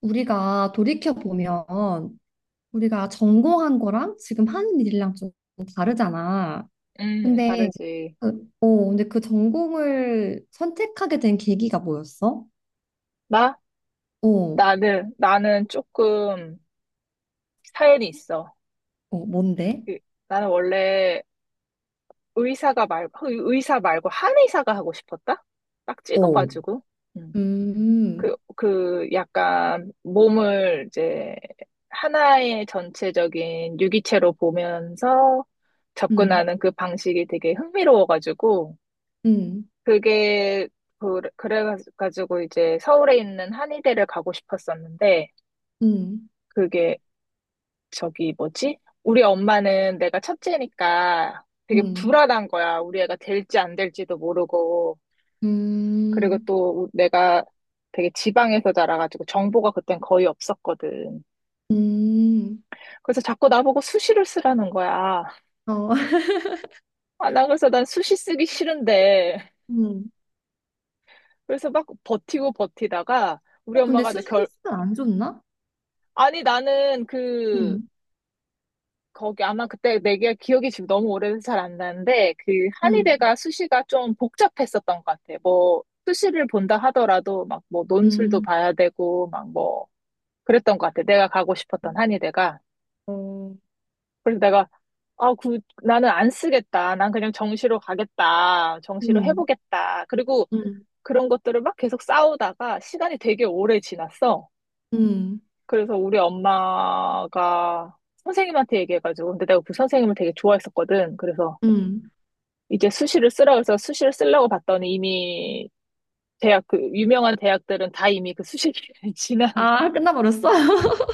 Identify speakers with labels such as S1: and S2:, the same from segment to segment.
S1: 우리가 돌이켜보면 우리가 전공한 거랑 지금 하는 일이랑 좀 다르잖아. 근데
S2: 다르지.
S1: 근데 그 전공을 선택하게 된 계기가 뭐였어?
S2: 나?
S1: 어,
S2: 나는 조금 사연이 있어.
S1: 어, 뭔데?
S2: 그, 나는 원래 의사 말고 한의사가 하고 싶었다? 딱
S1: 어,
S2: 찍어가지고. 음. 그,
S1: 음,
S2: 그 약간 몸을 이제 하나의 전체적인 유기체로 보면서
S1: 음,
S2: 접근하는 그 방식이 되게 흥미로워가지고.
S1: 음,
S2: 그게, 그래가지고 이제 서울에 있는 한의대를 가고 싶었었는데,
S1: 음,
S2: 그게 저기 뭐지? 우리 엄마는 내가 첫째니까 되게
S1: 음,
S2: 불안한 거야. 우리 애가 될지 안 될지도 모르고.
S1: 음,
S2: 그리고
S1: 음,
S2: 또 내가 되게 지방에서 자라가지고 정보가 그땐 거의 없었거든.
S1: 음,
S2: 그래서 자꾸 나보고 수시를 쓰라는 거야.
S1: 어,
S2: 아, 나 그래서 난 수시 쓰기 싫은데.
S1: 음.
S2: 그래서 막 버티고 버티다가 우리
S1: 어, 근데
S2: 엄마가 내 결.
S1: 수술 안 좋나?
S2: 아니 나는 그
S1: 음,
S2: 거기 아마 그때 내가 기억이 지금 너무 오래돼서 잘 안 나는데 그
S1: 음,
S2: 한의대가 수시가 좀 복잡했었던 것 같아. 뭐 수시를 본다 하더라도 막 뭐 논술도
S1: 음,
S2: 봐야 되고 막 뭐 그랬던 것 같아. 내가 가고 싶었던 한의대가.
S1: 어,
S2: 그래서 내가 아, 그 나는 안 쓰겠다. 난 그냥 정시로 가겠다. 정시로
S1: 음,
S2: 해보겠다. 그리고
S1: 음,
S2: 그런 것들을 막 계속 싸우다가 시간이 되게 오래 지났어.
S1: 음,
S2: 그래서 우리 엄마가 선생님한테 얘기해가지고 근데 내가 그 선생님을 되게 좋아했었거든. 그래서
S1: 음.
S2: 이제 수시를 쓰라고 해서 수시를 쓰려고 봤더니 이미 대학 그 유명한 대학들은 다 이미 그 수시 기간이 지난 거야.
S1: 아, 끝나버렸어?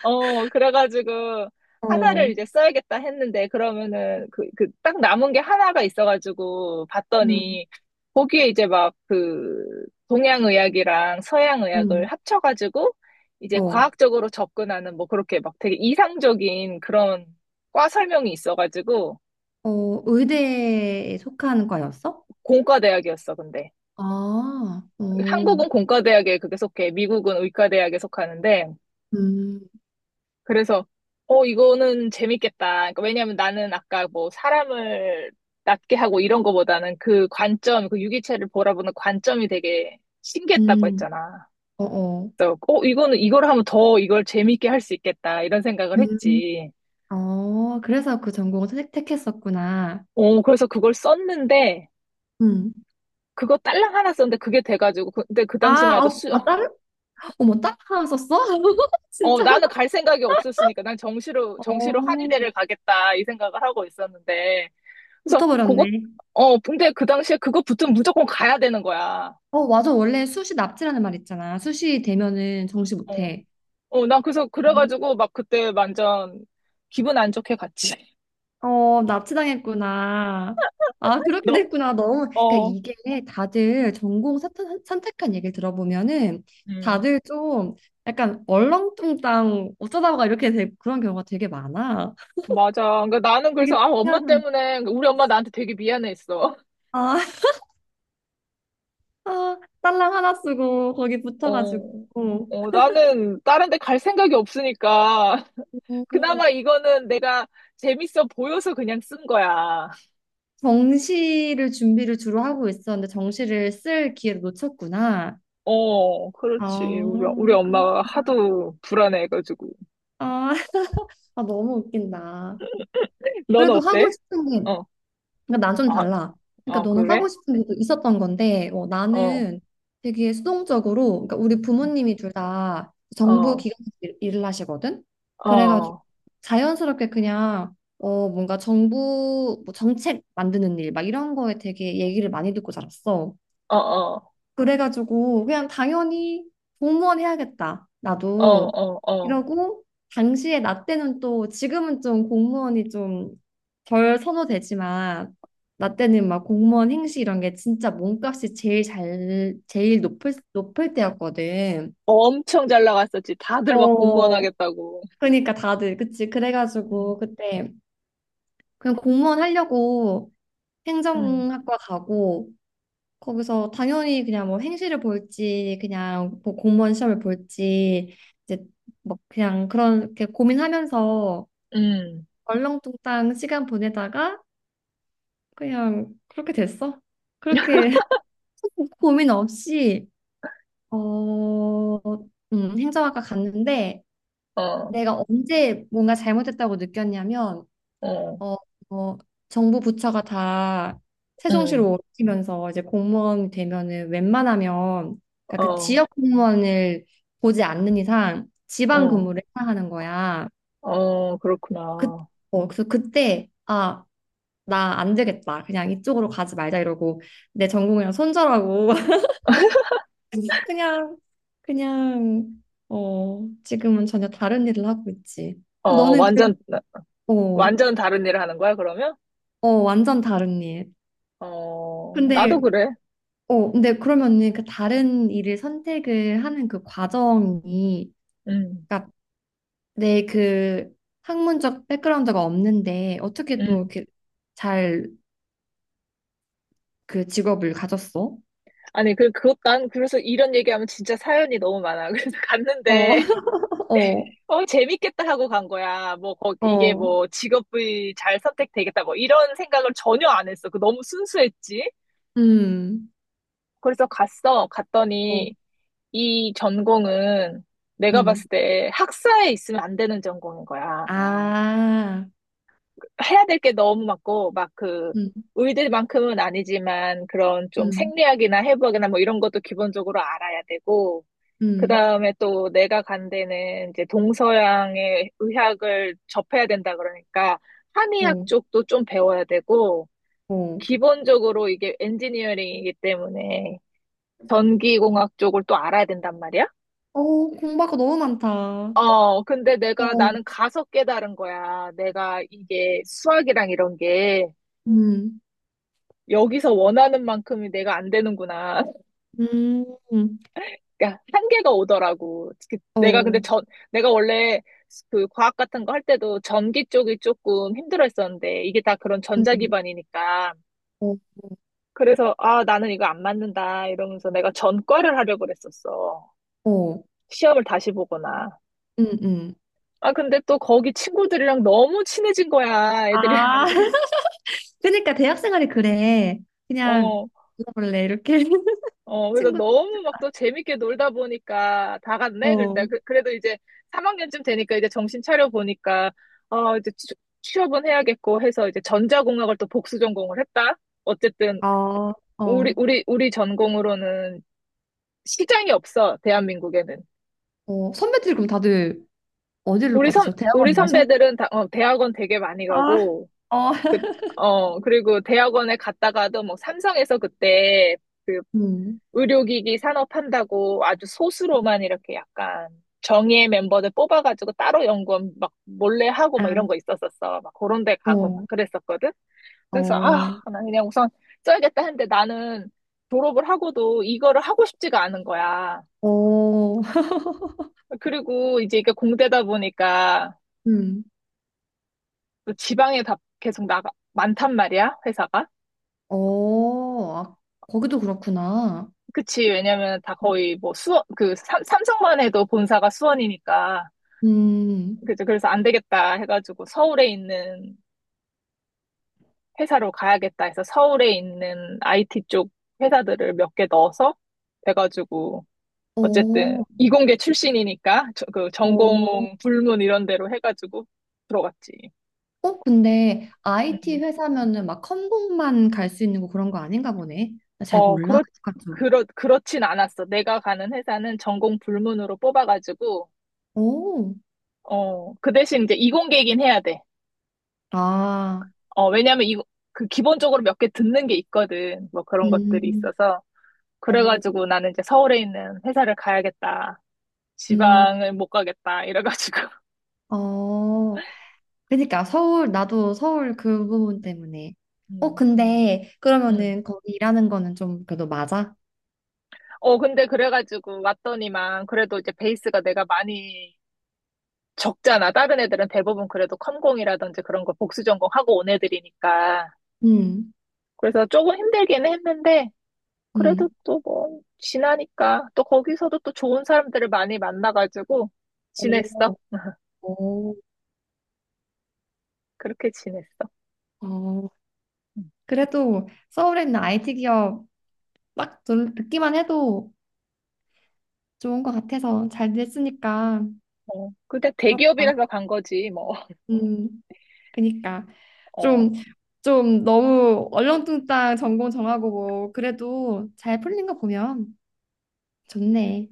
S2: 어, 그래가지고 하나를
S1: 어,
S2: 이제 써야겠다 했는데 그러면은 그 딱 남은 게 하나가 있어가지고
S1: 음,
S2: 봤더니 거기에 이제 막 그 동양의학이랑 서양의학을
S1: 음.
S2: 합쳐가지고 이제
S1: 어,
S2: 과학적으로 접근하는 뭐 그렇게 막 되게 이상적인 그런 과 설명이 있어가지고
S1: 어, 의대에 속하는 과였어?
S2: 공과대학이었어. 근데
S1: 아, 어,
S2: 한국은 공과대학에 그게 속해, 미국은 의과대학에 속하는데,
S1: 음,
S2: 그래서, 이거는 재밌겠다. 그러니까 왜냐면 나는 아까 뭐 사람을 낫게 하고 이런 거보다는 그 관점, 그 유기체를 바라보는 관점이 되게 신기했다고
S1: 음,
S2: 했잖아.
S1: 어, 어.
S2: 그래서, 이걸 하면 더 이걸 재밌게 할 수 있겠다. 이런 생각을
S1: 음,
S2: 했지.
S1: 어, 그래서 그 전공을 택했었구나.
S2: 그래서 그걸 썼는데,
S1: 음.
S2: 그거 딸랑 하나 썼는데 그게 돼가지고, 근데 그 당시만
S1: 아,
S2: 해도
S1: 어,
S2: 수.
S1: 아, 다른, 어머, 다른 하나 썼어?
S2: 어,
S1: 진짜.
S2: 나는 갈 생각이 없었으니까 난 정시로
S1: 어,
S2: 한의대를 가겠다 이 생각을 하고 있었는데. 그래서 그거.
S1: 붙어버렸네.
S2: 어, 근데 그 당시에 그거 붙으면 무조건 가야 되는 거야.
S1: 어, 맞아. 원래 수시 납치라는 말 있잖아. 수시 되면은 정시
S2: 어,
S1: 못해.
S2: 어, 난 그래서 그래가지고 막 그때 완전 기분 안 좋게 갔지.
S1: 어, 납치당했구나. 아, 그렇게
S2: 너.
S1: 됐구나. 너무, 그러니까
S2: 어,
S1: 이게 다들 선택한 얘기를 들어보면은
S2: 음,
S1: 다들 좀 약간 얼렁뚱땅 어쩌다가 이렇게 된 그런 경우가 되게 많아.
S2: 맞아. 그러니까 나는 그래서
S1: 되게
S2: 아, 엄마
S1: 신기한,
S2: 때문에 우리 엄마 나한테 되게 미안했어.
S1: 아, 아, 딸랑 하나 쓰고 거기 붙어가지고.
S2: 어, 어, 나는 다른 데 갈 생각이 없으니까
S1: 오,
S2: 그나마 이거는 내가 재밌어 보여서 그냥 쓴 거야.
S1: 정시를 준비를 주로 하고 있었는데 정시를 쓸 기회를 놓쳤구나.
S2: 어, 그렇지. 우리
S1: 아,
S2: 엄마가
S1: 그렇구나.
S2: 하도 불안해가지고.
S1: 아, 아, 너무 웃긴다.
S2: 넌
S1: 그래도 하고
S2: 어때?
S1: 싶은 게
S2: 어,
S1: 그러니까 난 좀
S2: 아,
S1: 달라. 그러니까
S2: 아,
S1: 너는 하고
S2: 그래?
S1: 어, 싶은 것도 있었던 건데, 어,
S2: 어,
S1: 나는 되게 수동적으로, 그러니까 우리 부모님이 둘 다 정부
S2: 어,
S1: 기관에서 일을 하시거든.
S2: 어,
S1: 그래가지고
S2: 어,
S1: 자연스럽게 그냥 어 뭔가 정부 뭐 정책 만드는 일 막 이런 거에 되게 얘기를 많이 듣고 자랐어.
S2: 어, 어,
S1: 그래가지고 그냥 당연히 공무원 해야겠다.
S2: 어,
S1: 나도
S2: 어. 어,
S1: 이러고 당시에 나 때는 또 지금은 좀 공무원이 좀 덜 선호되지만 나 때는 막 공무원 행시 이런 게 진짜 몸값이 제일 높을 때였거든.
S2: 엄청 잘 나갔었지. 다들 막 공무원
S1: 어.
S2: 하겠다고.
S1: 그러니까 다들 그치
S2: 응,
S1: 그래가지고 그때 그냥 공무원 하려고
S2: 응,
S1: 행정학과 가고 거기서 당연히 그냥 뭐 행시를 볼지 그냥 뭐 공무원 시험을 볼지 이제 뭐 그냥 그런 이렇게 고민하면서
S2: 응,
S1: 얼렁뚱땅 시간 보내다가 그냥 그렇게 됐어. 그렇게 고민 없이 어, 행정학과 갔는데
S2: 어,
S1: 내가 언제 뭔가 잘못했다고 느꼈냐면
S2: 어,
S1: 어, 어, 정부 부처가 다
S2: 응,
S1: 세종시로 옮기면서 이제 공무원 되면은 웬만하면 그러니까 그
S2: 어,
S1: 지역 공무원을 보지 않는 이상 지방
S2: 어,
S1: 근무를 해야 하는 거야.
S2: 어,
S1: 그,
S2: 그렇구나.
S1: 어, 그래서 그때 아, 나 안 되겠다. 그냥 이쪽으로 가지 말자 이러고 내 전공이랑 손절하고 그냥 그냥 어, 지금은 전혀 다른 일을 하고 있지.
S2: 어,
S1: 너는 그,
S2: 완전,
S1: 어,
S2: 완전 다른 일을 하는 거야, 그러면?
S1: 어, 완전 다른 일.
S2: 어, 나도
S1: 근데
S2: 그래.
S1: 근데 그러면은 그 다른 일을 선택을 하는 그 과정이,
S2: 응,
S1: 그러니까 내 그 학문적 백그라운드가 없는데 어떻게 또
S2: 응.
S1: 이렇게 잘 그 직업을 가졌어?
S2: 아니, 그것, 난 그래서 이런 얘기하면 진짜 사연이 너무 많아. 그래서
S1: 어,
S2: 갔는데, 어, 재밌겠다 하고 간 거야. 뭐,
S1: 어,
S2: 이게
S1: 어,
S2: 뭐, 직업이 잘 선택되겠다. 뭐, 이런 생각을 전혀 안 했어. 그 너무 순수했지?
S1: 음,
S2: 그래서 갔어.
S1: 어,
S2: 갔더니, 이 전공은 내가
S1: 음,
S2: 봤을 때 학사에 있으면 안 되는 전공인 거야.
S1: 아,
S2: 해야 될 게 너무 많고, 막 그.
S1: 음,
S2: 의대만큼은 아니지만, 그런 좀
S1: 음,
S2: 생리학이나 해부학이나 뭐 이런 것도 기본적으로 알아야 되고, 그
S1: 음,
S2: 다음에 또 내가 간 데는 이제 동서양의 의학을 접해야 된다 그러니까 한의학
S1: 어,
S2: 쪽도 좀 배워야 되고
S1: 어,
S2: 기본적으로 이게 엔지니어링이기 때문에 전기공학 쪽을 또 알아야 된단 말이야.
S1: 어, 공부할 거 너무 많다.
S2: 어, 근데 내가
S1: 어,
S2: 나는 가서 깨달은 거야. 내가 이게 수학이랑 이런 게
S1: 음,
S2: 여기서 원하는 만큼이 내가 안 되는구나.
S1: 음,
S2: 그러니까 한계가 오더라고. 내가 근데
S1: 어,
S2: 전. 내가 원래 그 과학 같은 거 할 때도 전기 쪽이 조금 힘들어 했었는데, 이게 다 그런 전자
S1: 음,
S2: 기반이니까.
S1: 어,
S2: 그래서, 아, 나는 이거 안 맞는다. 이러면서 내가 전과를 하려고 그랬었어.
S1: 어,
S2: 시험을 다시 보거나.
S1: 음, 음.
S2: 아, 근데 또 거기 친구들이랑 너무 친해진 거야, 애들이.
S1: 아, 그러니까 대학 생활이 그래. 그냥
S2: 어,
S1: 놀아볼래 이렇게
S2: 어, 그래서
S1: 친구. 들
S2: 너무 막 또 재밌게 놀다 보니까 다 갔네?
S1: 어,
S2: 그랬다. 그래도 이제 3학년쯤 되니까 이제 정신 차려 보니까, 어, 이제 취업은 해야겠고 해서 이제 전자공학을 또 복수 전공을 했다. 어쨌든,
S1: 아,
S2: 우리,
S1: 어,
S2: 우리, 우리 전공으로는 시장이 없어, 대한민국에는.
S1: 어. 선배들 그럼 다들 어디로 빠지죠?
S2: 우리
S1: 대학원 가셔?
S2: 선배들은 다, 대학원 되게 많이
S1: 아,
S2: 가고,
S1: 어,
S2: 그, 그리고 대학원에 갔다가도 뭐 삼성에서 그때 그
S1: 음,
S2: 의료기기 산업한다고 아주 소수로만 이렇게 약간 정예 멤버들 뽑아가지고 따로 연구원 막 몰래 하고
S1: 아,
S2: 막 이런 거 있었었어. 막 그런 데 가고 막
S1: 어,
S2: 그랬었거든. 그래서 아,
S1: 어,
S2: 나 그냥 우선 써야겠다 했는데 나는 졸업을 하고도 이거를 하고 싶지가 않은 거야.
S1: 어,
S2: 그리고 이제 이게 공대다 보니까
S1: 음,
S2: 또 지방에 다 계속 나가, 많단 말이야, 회사가.
S1: 어, 아, 거기도 그렇구나.
S2: 그치, 왜냐면 다 거의 뭐 수원, 삼성만 해도 본사가 수원이니까.
S1: 음,
S2: 그죠. 그래서 안 되겠다 해가지고 서울에 있는 회사로 가야겠다 해서 서울에 있는 IT 쪽 회사들을 몇 개 넣어서 돼가지고 어쨌든
S1: 어,
S2: 이공계 출신이니까 그
S1: 어,
S2: 전공 불문 이런 데로 해가지고 들어갔지.
S1: 어, 근데 IT
S2: 음.
S1: 회사면은 막 컴공만 갈 수 있는 거 그런 거 아닌가 보네. 나 잘
S2: 어,
S1: 몰라.
S2: 그렇진 않았어. 내가 가는 회사는 전공 불문으로 뽑아가지고
S1: 오,
S2: 어, 그 대신 이제 이공계긴 이 해야 돼.
S1: 아,
S2: 어, 왜냐면 그 기본적으로 몇 개 듣는 게 있거든. 뭐 그런 것들이
S1: 음,
S2: 있어서.
S1: 어,
S2: 그래가지고 나는 이제 서울에 있는 회사를 가야겠다.
S1: 음,
S2: 지방을 못 가겠다. 이래가지고.
S1: 어, 그러니까 서울, 나도 서울 그 부분 때문에. 어,
S2: 음,
S1: 근데
S2: 음,
S1: 그러면은 거기 일하는 거는 좀 그래도 맞아?
S2: 어, 근데 그래가지고 왔더니만 그래도 이제 베이스가 내가 많이 적잖아. 다른 애들은 대부분 그래도 컴공이라든지 그런 거 복수 전공하고 온 애들이니까.
S1: 음,
S2: 그래서 조금 힘들기는 했는데, 그래도
S1: 음.
S2: 또 뭐, 지나니까 또 거기서도 또 좋은 사람들을 많이 만나가지고 지냈어.
S1: 오, 오,
S2: 그렇게 지냈어.
S1: 어.
S2: 음.
S1: 그래도 서울에 있는 IT 기업 듣기만 해도 좋은 것 같아서 잘 됐으니까
S2: 어, 근데
S1: 부럽다.
S2: 대기업이라서 간 거지, 뭐.
S1: 음. 그니까
S2: 어.
S1: 좀 좀 너무 얼렁뚱땅 전공 정하고 뭐 그래도 잘 풀린 거 보면 좋네.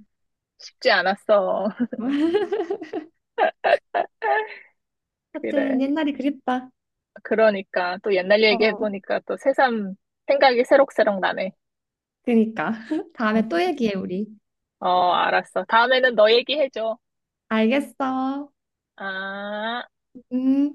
S2: 쉽지 않았어.
S1: 하여튼
S2: 그래.
S1: 옛날이 그립다.
S2: 그러니까 또 옛날 얘기
S1: 어.
S2: 해보니까 또 새삼 생각이 새록새록 나네.
S1: 그니까 다음에 또 얘기해 우리.
S2: 어, 알았어. 다음에는 너 얘기해줘.
S1: 알겠어.
S2: 아.
S1: 음.